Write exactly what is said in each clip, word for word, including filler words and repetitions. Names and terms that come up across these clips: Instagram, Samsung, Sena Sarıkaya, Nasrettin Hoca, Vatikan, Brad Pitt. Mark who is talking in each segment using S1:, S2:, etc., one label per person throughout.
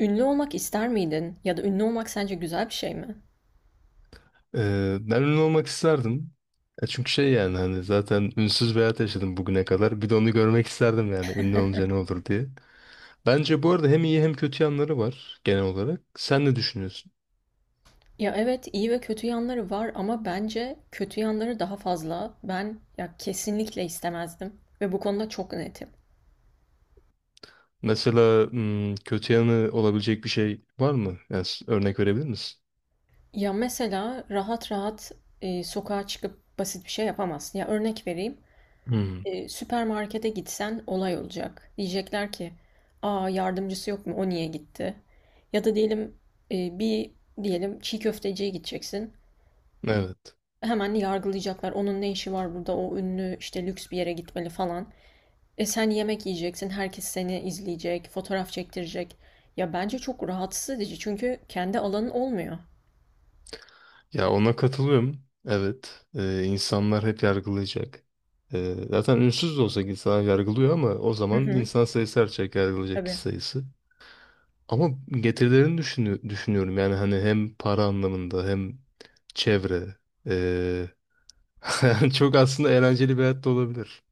S1: Ünlü olmak ister miydin? Ya da ünlü olmak sence güzel bir şey mi?
S2: Ee, ben ünlü olmak isterdim. Ya çünkü şey yani hani zaten ünsüz bir hayat yaşadım bugüne kadar. Bir de onu görmek isterdim yani ünlü olunca ne olur diye. Bence bu arada hem iyi hem kötü yanları var genel olarak. Sen ne düşünüyorsun?
S1: Ya evet, iyi ve kötü yanları var ama bence kötü yanları daha fazla. Ben ya kesinlikle istemezdim ve bu konuda çok netim.
S2: Mesela hmm, kötü yanı olabilecek bir şey var mı? Yani s- örnek verebilir misin?
S1: Ya mesela rahat rahat e, sokağa çıkıp basit bir şey yapamazsın. Ya örnek vereyim.
S2: Hmm,
S1: E, süpermarkete gitsen olay olacak. Diyecekler ki, "Aa, yardımcısı yok mu? O niye gitti?" Ya da diyelim e, bir diyelim çiğ köfteciye gideceksin.
S2: evet.
S1: Hemen yargılayacaklar. Onun ne işi var burada? O ünlü işte lüks bir yere gitmeli falan. E sen yemek yiyeceksin. Herkes seni izleyecek, fotoğraf çektirecek. Ya bence çok rahatsız edici çünkü kendi alanın olmuyor.
S2: Ya ona katılıyorum. Evet. Ee, insanlar hep yargılayacak. Ee, zaten ünsüz de olsa insanlar yargılıyor ama o
S1: Hı
S2: zaman
S1: hı,
S2: insan sayısı artacak, yargılayacak kişi
S1: tabii.
S2: sayısı. Ama getirilerini düşünü- düşünüyorum. Yani hani hem para anlamında hem çevre. Ee, Yani çok aslında eğlenceli bir hayat da olabilir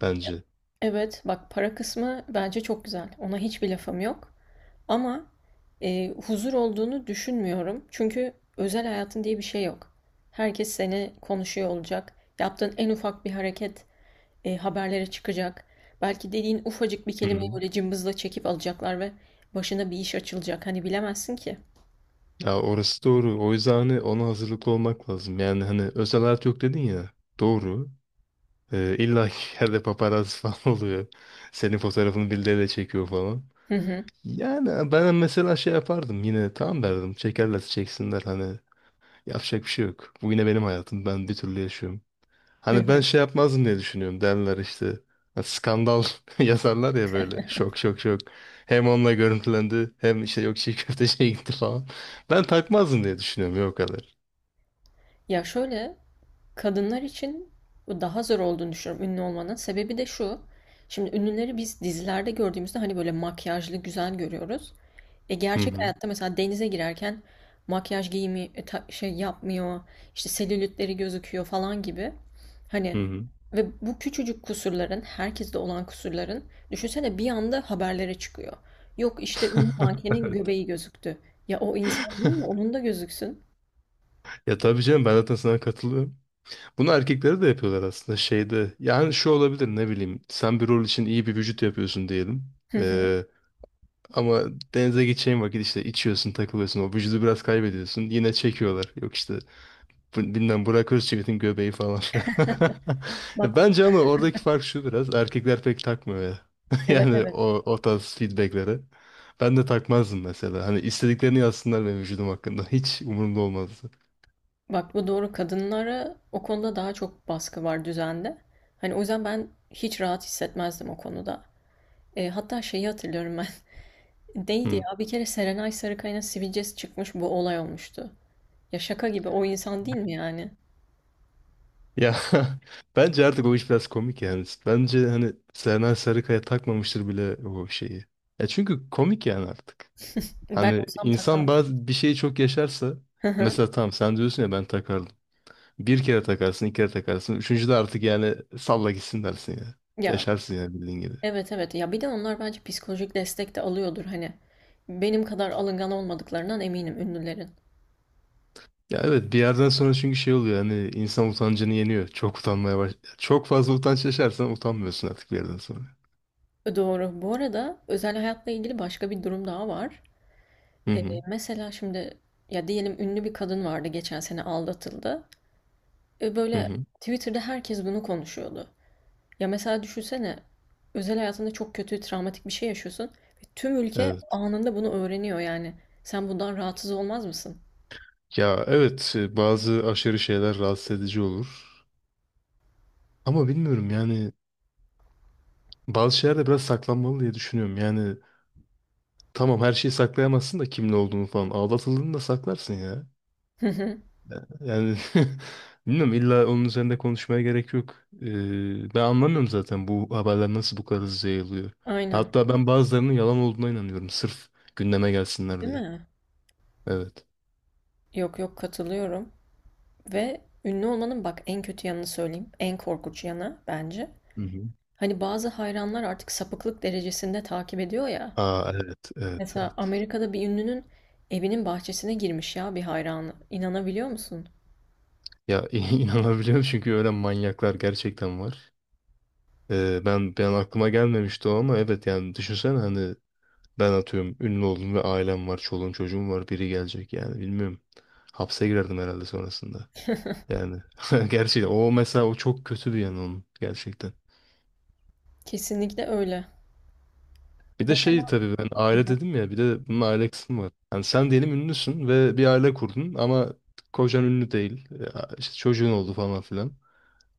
S2: bence.
S1: Evet, bak, para kısmı bence çok güzel. Ona hiçbir lafım yok. Ama e, huzur olduğunu düşünmüyorum. Çünkü özel hayatın diye bir şey yok. Herkes seni konuşuyor olacak. Yaptığın en ufak bir hareket e, haberlere çıkacak. Belki dediğin ufacık bir
S2: Hı
S1: kelimeyi
S2: hı.
S1: böyle cımbızla çekip alacaklar ve başına bir iş açılacak. Hani bilemezsin ki.
S2: Ya orası doğru. O yüzden hani ona hazırlıklı olmak lazım. Yani hani özel hayat yok dedin ya. Doğru. Ee, illa ki yerde paparazzi falan oluyor. Senin fotoğrafını birileriyle çekiyor falan.
S1: Hı hı,
S2: Yani ben mesela şey yapardım, yine tamam derdim. Çekerlerse çeksinler, hani yapacak bir şey yok. Bu yine benim hayatım. Ben bir türlü yaşıyorum.
S1: hı
S2: Hani ben
S1: hı.
S2: şey yapmazdım diye düşünüyorum, derler işte. Ha, skandal yazarlar ya, böyle şok şok şok. Hem onunla görüntülendi hem işte yok çiğ köfteciye gitti falan. Ben takmazdım diye düşünüyorum ya, o kadar.
S1: Ya şöyle, kadınlar için bu daha zor olduğunu düşünüyorum ünlü olmanın. Sebebi de şu. Şimdi ünlüleri biz dizilerde gördüğümüzde hani böyle makyajlı güzel görüyoruz. E
S2: Hı
S1: gerçek
S2: hı.
S1: hayatta mesela denize girerken makyaj giyimi e, ta- şey yapmıyor, işte selülitleri gözüküyor falan gibi. Hani
S2: Hı hı.
S1: ve bu küçücük kusurların, herkeste olan kusurların düşünsene bir anda haberlere çıkıyor. Yok işte ünlü mankenin göbeği gözüktü. Ya o insan değil mi? Onun da gözüksün.
S2: Ya tabii canım, ben zaten sana katılıyorum. Bunu erkekleri de yapıyorlar aslında şeyde. Yani şu olabilir, ne bileyim. Sen bir rol için iyi bir vücut yapıyorsun diyelim.
S1: Hı hı.
S2: Ee, ama denize gideceğin vakit işte içiyorsun, takılıyorsun. O vücudu biraz kaybediyorsun. Yine çekiyorlar. Yok işte Bu- bilmem Burak Özçivit'in göbeği falan filan. Ya
S1: Bak,
S2: bence ama oradaki fark şu biraz. Erkekler pek takmıyor ya.
S1: evet
S2: Yani
S1: evet.
S2: o, o tarz feedbackleri. Ben de takmazdım mesela. Hani istediklerini yazsınlar benim vücudum hakkında. Hiç umurumda olmazdı.
S1: Bak, bu doğru, kadınlara o konuda daha çok baskı var düzende. Hani o yüzden ben hiç rahat hissetmezdim o konuda. E, hatta şeyi hatırlıyorum ben. Değildi
S2: Hmm.
S1: ya. Bir kere Serenay Sarıkaya'nın sivilcesi çıkmış, bu olay olmuştu. Ya şaka gibi, o insan değil mi yani?
S2: Ya bence artık o iş biraz komik yani. Bence hani Sena Sarıkaya takmamıştır bile o şeyi. Ya çünkü komik yani artık.
S1: Ben
S2: Hani
S1: olsam
S2: insan
S1: takardım.
S2: bazı bir şeyi çok yaşarsa,
S1: Hı hı.
S2: mesela tamam sen diyorsun ya ben takardım. Bir kere takarsın, iki kere takarsın. Üçüncü de artık yani salla gitsin dersin ya.
S1: Ya
S2: Yaşarsın yani bildiğin gibi.
S1: evet evet, ya bir de onlar bence psikolojik destek de alıyordur hani. Benim kadar alıngan olmadıklarından eminim ünlülerin.
S2: Ya evet, bir yerden sonra çünkü şey oluyor, hani insan utancını yeniyor. Çok utanmaya baş... Çok fazla utanç yaşarsan utanmıyorsun artık bir yerden sonra.
S1: E, Doğru. Bu arada özel hayatla ilgili başka bir durum daha var.
S2: Hı
S1: Ee,
S2: hı.
S1: Mesela şimdi, ya diyelim, ünlü bir kadın vardı, geçen sene aldatıldı. Ee,
S2: Hı
S1: böyle
S2: hı.
S1: Twitter'da herkes bunu konuşuyordu. Ya mesela düşünsene, özel hayatında çok kötü travmatik bir şey yaşıyorsun ve tüm ülke
S2: Evet.
S1: anında bunu öğreniyor yani. Sen bundan rahatsız olmaz mısın?
S2: Ya evet e, bazı aşırı şeyler rahatsız edici olur. Ama bilmiyorum yani, bazı şeyler de biraz saklanmalı diye düşünüyorum. Yani tamam, her şeyi saklayamazsın da kimin olduğunu falan. Aldatıldığını da saklarsın ya.
S1: Hı hı.
S2: Yani bilmiyorum, illa onun üzerinde konuşmaya gerek yok. Ee, ben anlamıyorum zaten bu haberler nasıl bu kadar hızlı yayılıyor.
S1: Aynen.
S2: Hatta ben bazılarının yalan olduğuna inanıyorum. Sırf gündeme gelsinler
S1: Değil
S2: diye.
S1: mi?
S2: Evet.
S1: Yok yok, katılıyorum. Ve ünlü olmanın bak en kötü yanını söyleyeyim. En korkunç yanı bence.
S2: Hı hı.
S1: Hani bazı hayranlar artık sapıklık derecesinde takip ediyor ya.
S2: Aa, evet evet
S1: Mesela
S2: evet.
S1: Amerika'da bir ünlünün evinin bahçesine girmiş ya bir hayranı. İnanabiliyor musun?
S2: Ya inanabiliyorum çünkü öyle manyaklar gerçekten var. Ee, ben ben aklıma gelmemişti o ama evet, yani düşünsene hani ben atıyorum ünlü oldum ve ailem var, çoluğum çocuğum var, biri gelecek yani bilmiyorum. Hapse girerdim herhalde sonrasında. Yani gerçekten o mesela o çok kötü bir yanı onun gerçekten.
S1: Kesinlikle öyle.
S2: Bir de
S1: Mesela.
S2: şey tabii, ben
S1: Hı
S2: aile
S1: hı.
S2: dedim ya, bir de bunun aile kısmı var. Yani sen diyelim ünlüsün ve bir aile kurdun ama kocan ünlü değil. Ya işte çocuğun oldu falan filan.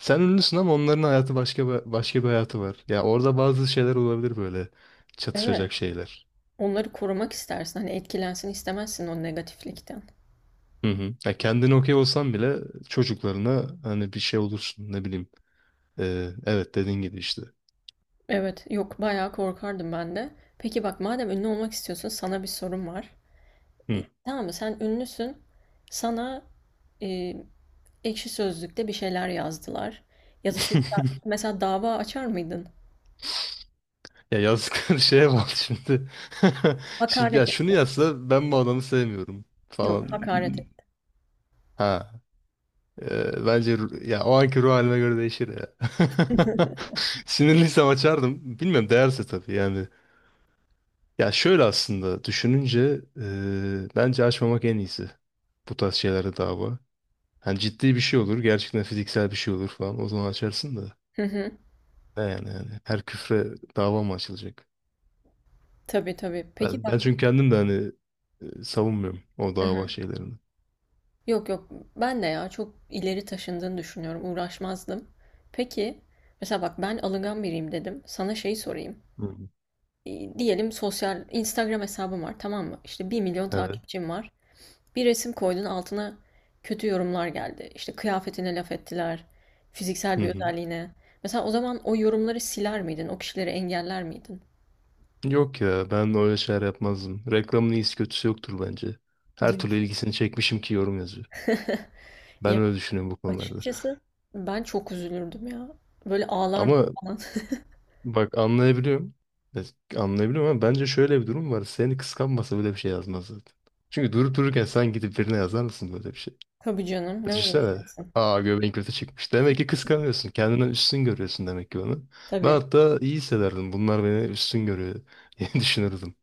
S2: Sen ünlüsün ama onların hayatı başka bir- başka bir hayatı var. Ya orada bazı şeyler olabilir, böyle
S1: Evet.
S2: çatışacak şeyler.
S1: Onları korumak istersin. Hani etkilensin istemezsin o negatiflikten.
S2: Hı hı. Ya kendine okey olsan bile çocuklarına hani bir şey olursun, ne bileyim. Ee, evet, dediğin gibi işte.
S1: Evet, yok, bayağı korkardım ben de. Peki bak, madem ünlü olmak istiyorsun, sana bir sorum var.
S2: Hı.
S1: E, tamam mı, sen ünlüsün. Sana e, Ekşi Sözlük'te bir şeyler yazdılar. Ya da sosyal, mesela, dava açar mıydın?
S2: Ya yazdıkları şeye bak şimdi. Şimdi ya
S1: Hakaret
S2: şunu
S1: etti.
S2: yazsa ben bu adamı sevmiyorum
S1: Yok,
S2: falan.
S1: hakaret etti.
S2: Ha. Ee, bence ru- ya o anki ruh halime göre değişir ya. Sinirliysem açardım. Bilmiyorum, değerse tabii yani. Ya şöyle aslında düşününce e, bence açmamak en iyisi. Bu tarz şeylere dava. Hani ciddi bir şey olur. Gerçekten fiziksel bir şey olur falan. O zaman açarsın da.
S1: Hı hı.
S2: Ne yani yani. Her küfre dava mı açılacak?
S1: Tabii tabii. Peki
S2: Ben, ben
S1: bak.
S2: çünkü kendim de hani e, savunmuyorum o
S1: Hı
S2: dava
S1: hı.
S2: şeylerini.
S1: Yok yok, ben de ya çok ileri taşındığını düşünüyorum. Uğraşmazdım. Peki, mesela bak, ben alıngan biriyim dedim. Sana şeyi sorayım.
S2: Hı hı.
S1: E, diyelim sosyal Instagram hesabım var, tamam mı? İşte bir milyon
S2: Evet.
S1: takipçim var. Bir resim koydun, altına kötü yorumlar geldi. İşte kıyafetine laf ettiler, fiziksel
S2: Hı
S1: bir
S2: hı.
S1: özelliğine. Mesela o zaman o yorumları siler miydin? O kişileri engeller miydin?
S2: Yok ya, ben öyle şeyler yapmazdım. Reklamın iyisi kötüsü yoktur bence. Her türlü
S1: Diyorsun.
S2: ilgisini çekmişim ki yorum yazıyor. Ben
S1: Ya
S2: öyle düşünüyorum bu konularda.
S1: açıkçası ben çok üzülürdüm ya. Böyle ağlardım
S2: Ama
S1: falan.
S2: bak, anlayabiliyorum. Evet, anlayabiliyorum ama bence şöyle bir durum var. Seni kıskanmasa böyle bir şey yazmaz zaten. Çünkü durup dururken sen gidip birine yazar mısın böyle bir şey?
S1: Tabii canım, ne
S2: Düşünsene.
S1: uğraşacaksın?
S2: Aa, göbeğin kötü çıkmış. Demek ki kıskanıyorsun. Kendinden üstün görüyorsun demek ki onu. Ben
S1: Tabii.
S2: hatta iyi hissederdim. Bunlar beni üstün görüyor diye düşünürdüm.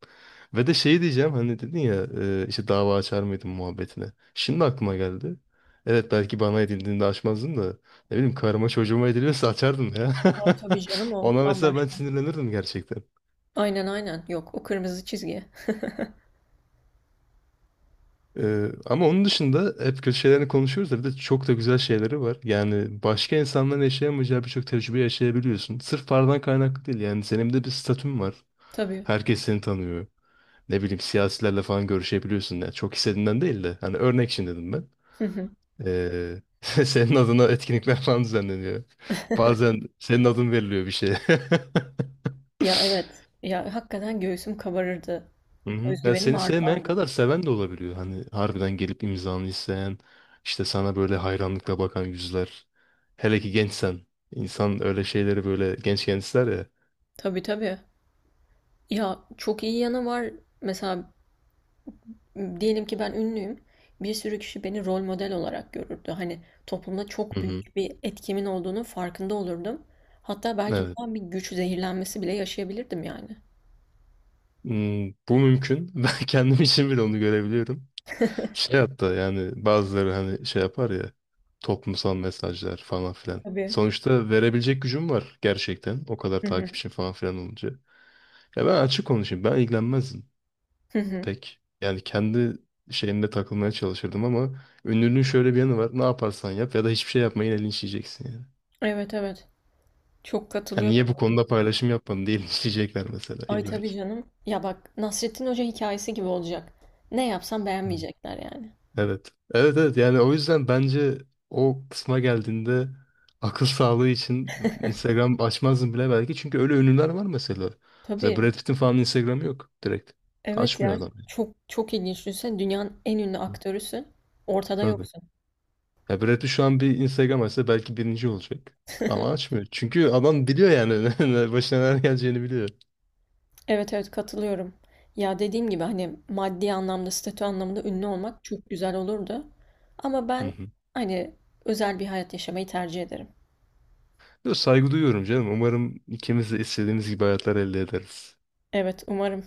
S2: Ve de şey diyeceğim, hani dedin ya e, işte dava açar mıydın muhabbetine. Şimdi aklıma geldi. Evet, belki bana edildiğinde açmazdın da ne bileyim karıma çocuğuma ediliyorsa açardım ya.
S1: Aa, tabii canım, o
S2: Ona mesela ben
S1: bambaşka.
S2: sinirlenirdim gerçekten.
S1: Aynen aynen, yok, o kırmızı çizgi.
S2: Ee, ama onun dışında hep kötü şeylerini konuşuyoruz da bir de çok da güzel şeyleri var. Yani başka insanların yaşayamayacağı birçok tecrübe yaşayabiliyorsun. Sırf paradan kaynaklı değil, yani senin de bir statün var.
S1: Tabii.
S2: Herkes seni tanıyor. Ne bileyim siyasilerle falan görüşebiliyorsun. Yani çok istediğinden değil de hani örnek için dedim ben.
S1: Hı hı.
S2: Ee, senin adına etkinlikler falan düzenleniyor. Bazen senin adın veriliyor bir şeye.
S1: Ya evet. Ya hakikaten göğsüm kabarırdı.
S2: Hı hı. Ya
S1: Özgüvenim
S2: seni sevmeyen kadar
S1: artardı.
S2: seven de olabiliyor. Hani harbiden gelip imzanı isteyen, işte sana böyle hayranlıkla bakan yüzler. Hele ki gençsen. İnsan öyle şeyleri böyle gençken ister ya.
S1: Tabii tabii. Ya çok iyi yanı var. Mesela diyelim ki ben ünlüyüm. Bir sürü kişi beni rol model olarak görürdü. Hani toplumda
S2: Hı
S1: çok
S2: hı.
S1: büyük bir etkimin olduğunu farkında olurdum. Hatta belki
S2: Evet.
S1: bundan bir güç zehirlenmesi bile yaşayabilirdim yani.
S2: Hmm, bu mümkün. Ben kendim için bile onu görebiliyorum. Şey hatta yani bazıları hani şey yapar ya. Toplumsal mesajlar falan filan.
S1: Tabii.
S2: Sonuçta verebilecek gücüm var gerçekten. O kadar
S1: Hı hı.
S2: takipçim falan filan olunca. Ya ben açık konuşayım. Ben ilgilenmezdim
S1: Hı hı.
S2: pek. Yani kendi şeyinde takılmaya çalışırdım ama ünlülüğün şöyle bir yanı var. Ne yaparsan yap ya da hiçbir şey yapma, yine linçleyeceksin yani.
S1: Evet evet. Çok
S2: Yani
S1: katılıyorum
S2: niye bu
S1: buna.
S2: konuda paylaşım yapmadın diye linçleyecekler mesela
S1: Ay tabii
S2: illaki.
S1: canım. Ya bak, Nasrettin Hoca hikayesi gibi olacak. Ne yapsam
S2: Hmm.
S1: beğenmeyecekler yani.
S2: Evet. Evet evet, yani o yüzden bence o kısma geldiğinde akıl sağlığı için Instagram açmazdım bile belki. Çünkü öyle ünlüler var mesela. Mesela
S1: Tabii.
S2: Brad Pitt'in falan Instagram'ı yok direkt.
S1: Evet
S2: Açmıyor
S1: ya,
S2: adam.
S1: çok çok ilginç. Düşünsene, dünyanın en ünlü
S2: Hmm.
S1: aktörüsün. Ortada
S2: Tabii.
S1: yoksun.
S2: Ya Brad Pitt şu an bir Instagram açsa belki birinci olacak. Ama açmıyor. Çünkü adam biliyor yani başına neler geleceğini biliyor.
S1: Evet evet, katılıyorum. Ya dediğim gibi, hani maddi anlamda, statü anlamında ünlü olmak çok güzel olurdu. Ama
S2: Hı
S1: ben
S2: hı.
S1: hani özel bir hayat yaşamayı tercih ederim.
S2: Yo, saygı duyuyorum canım. Umarım ikimiz de istediğimiz gibi hayatlar elde ederiz.
S1: Evet, umarım.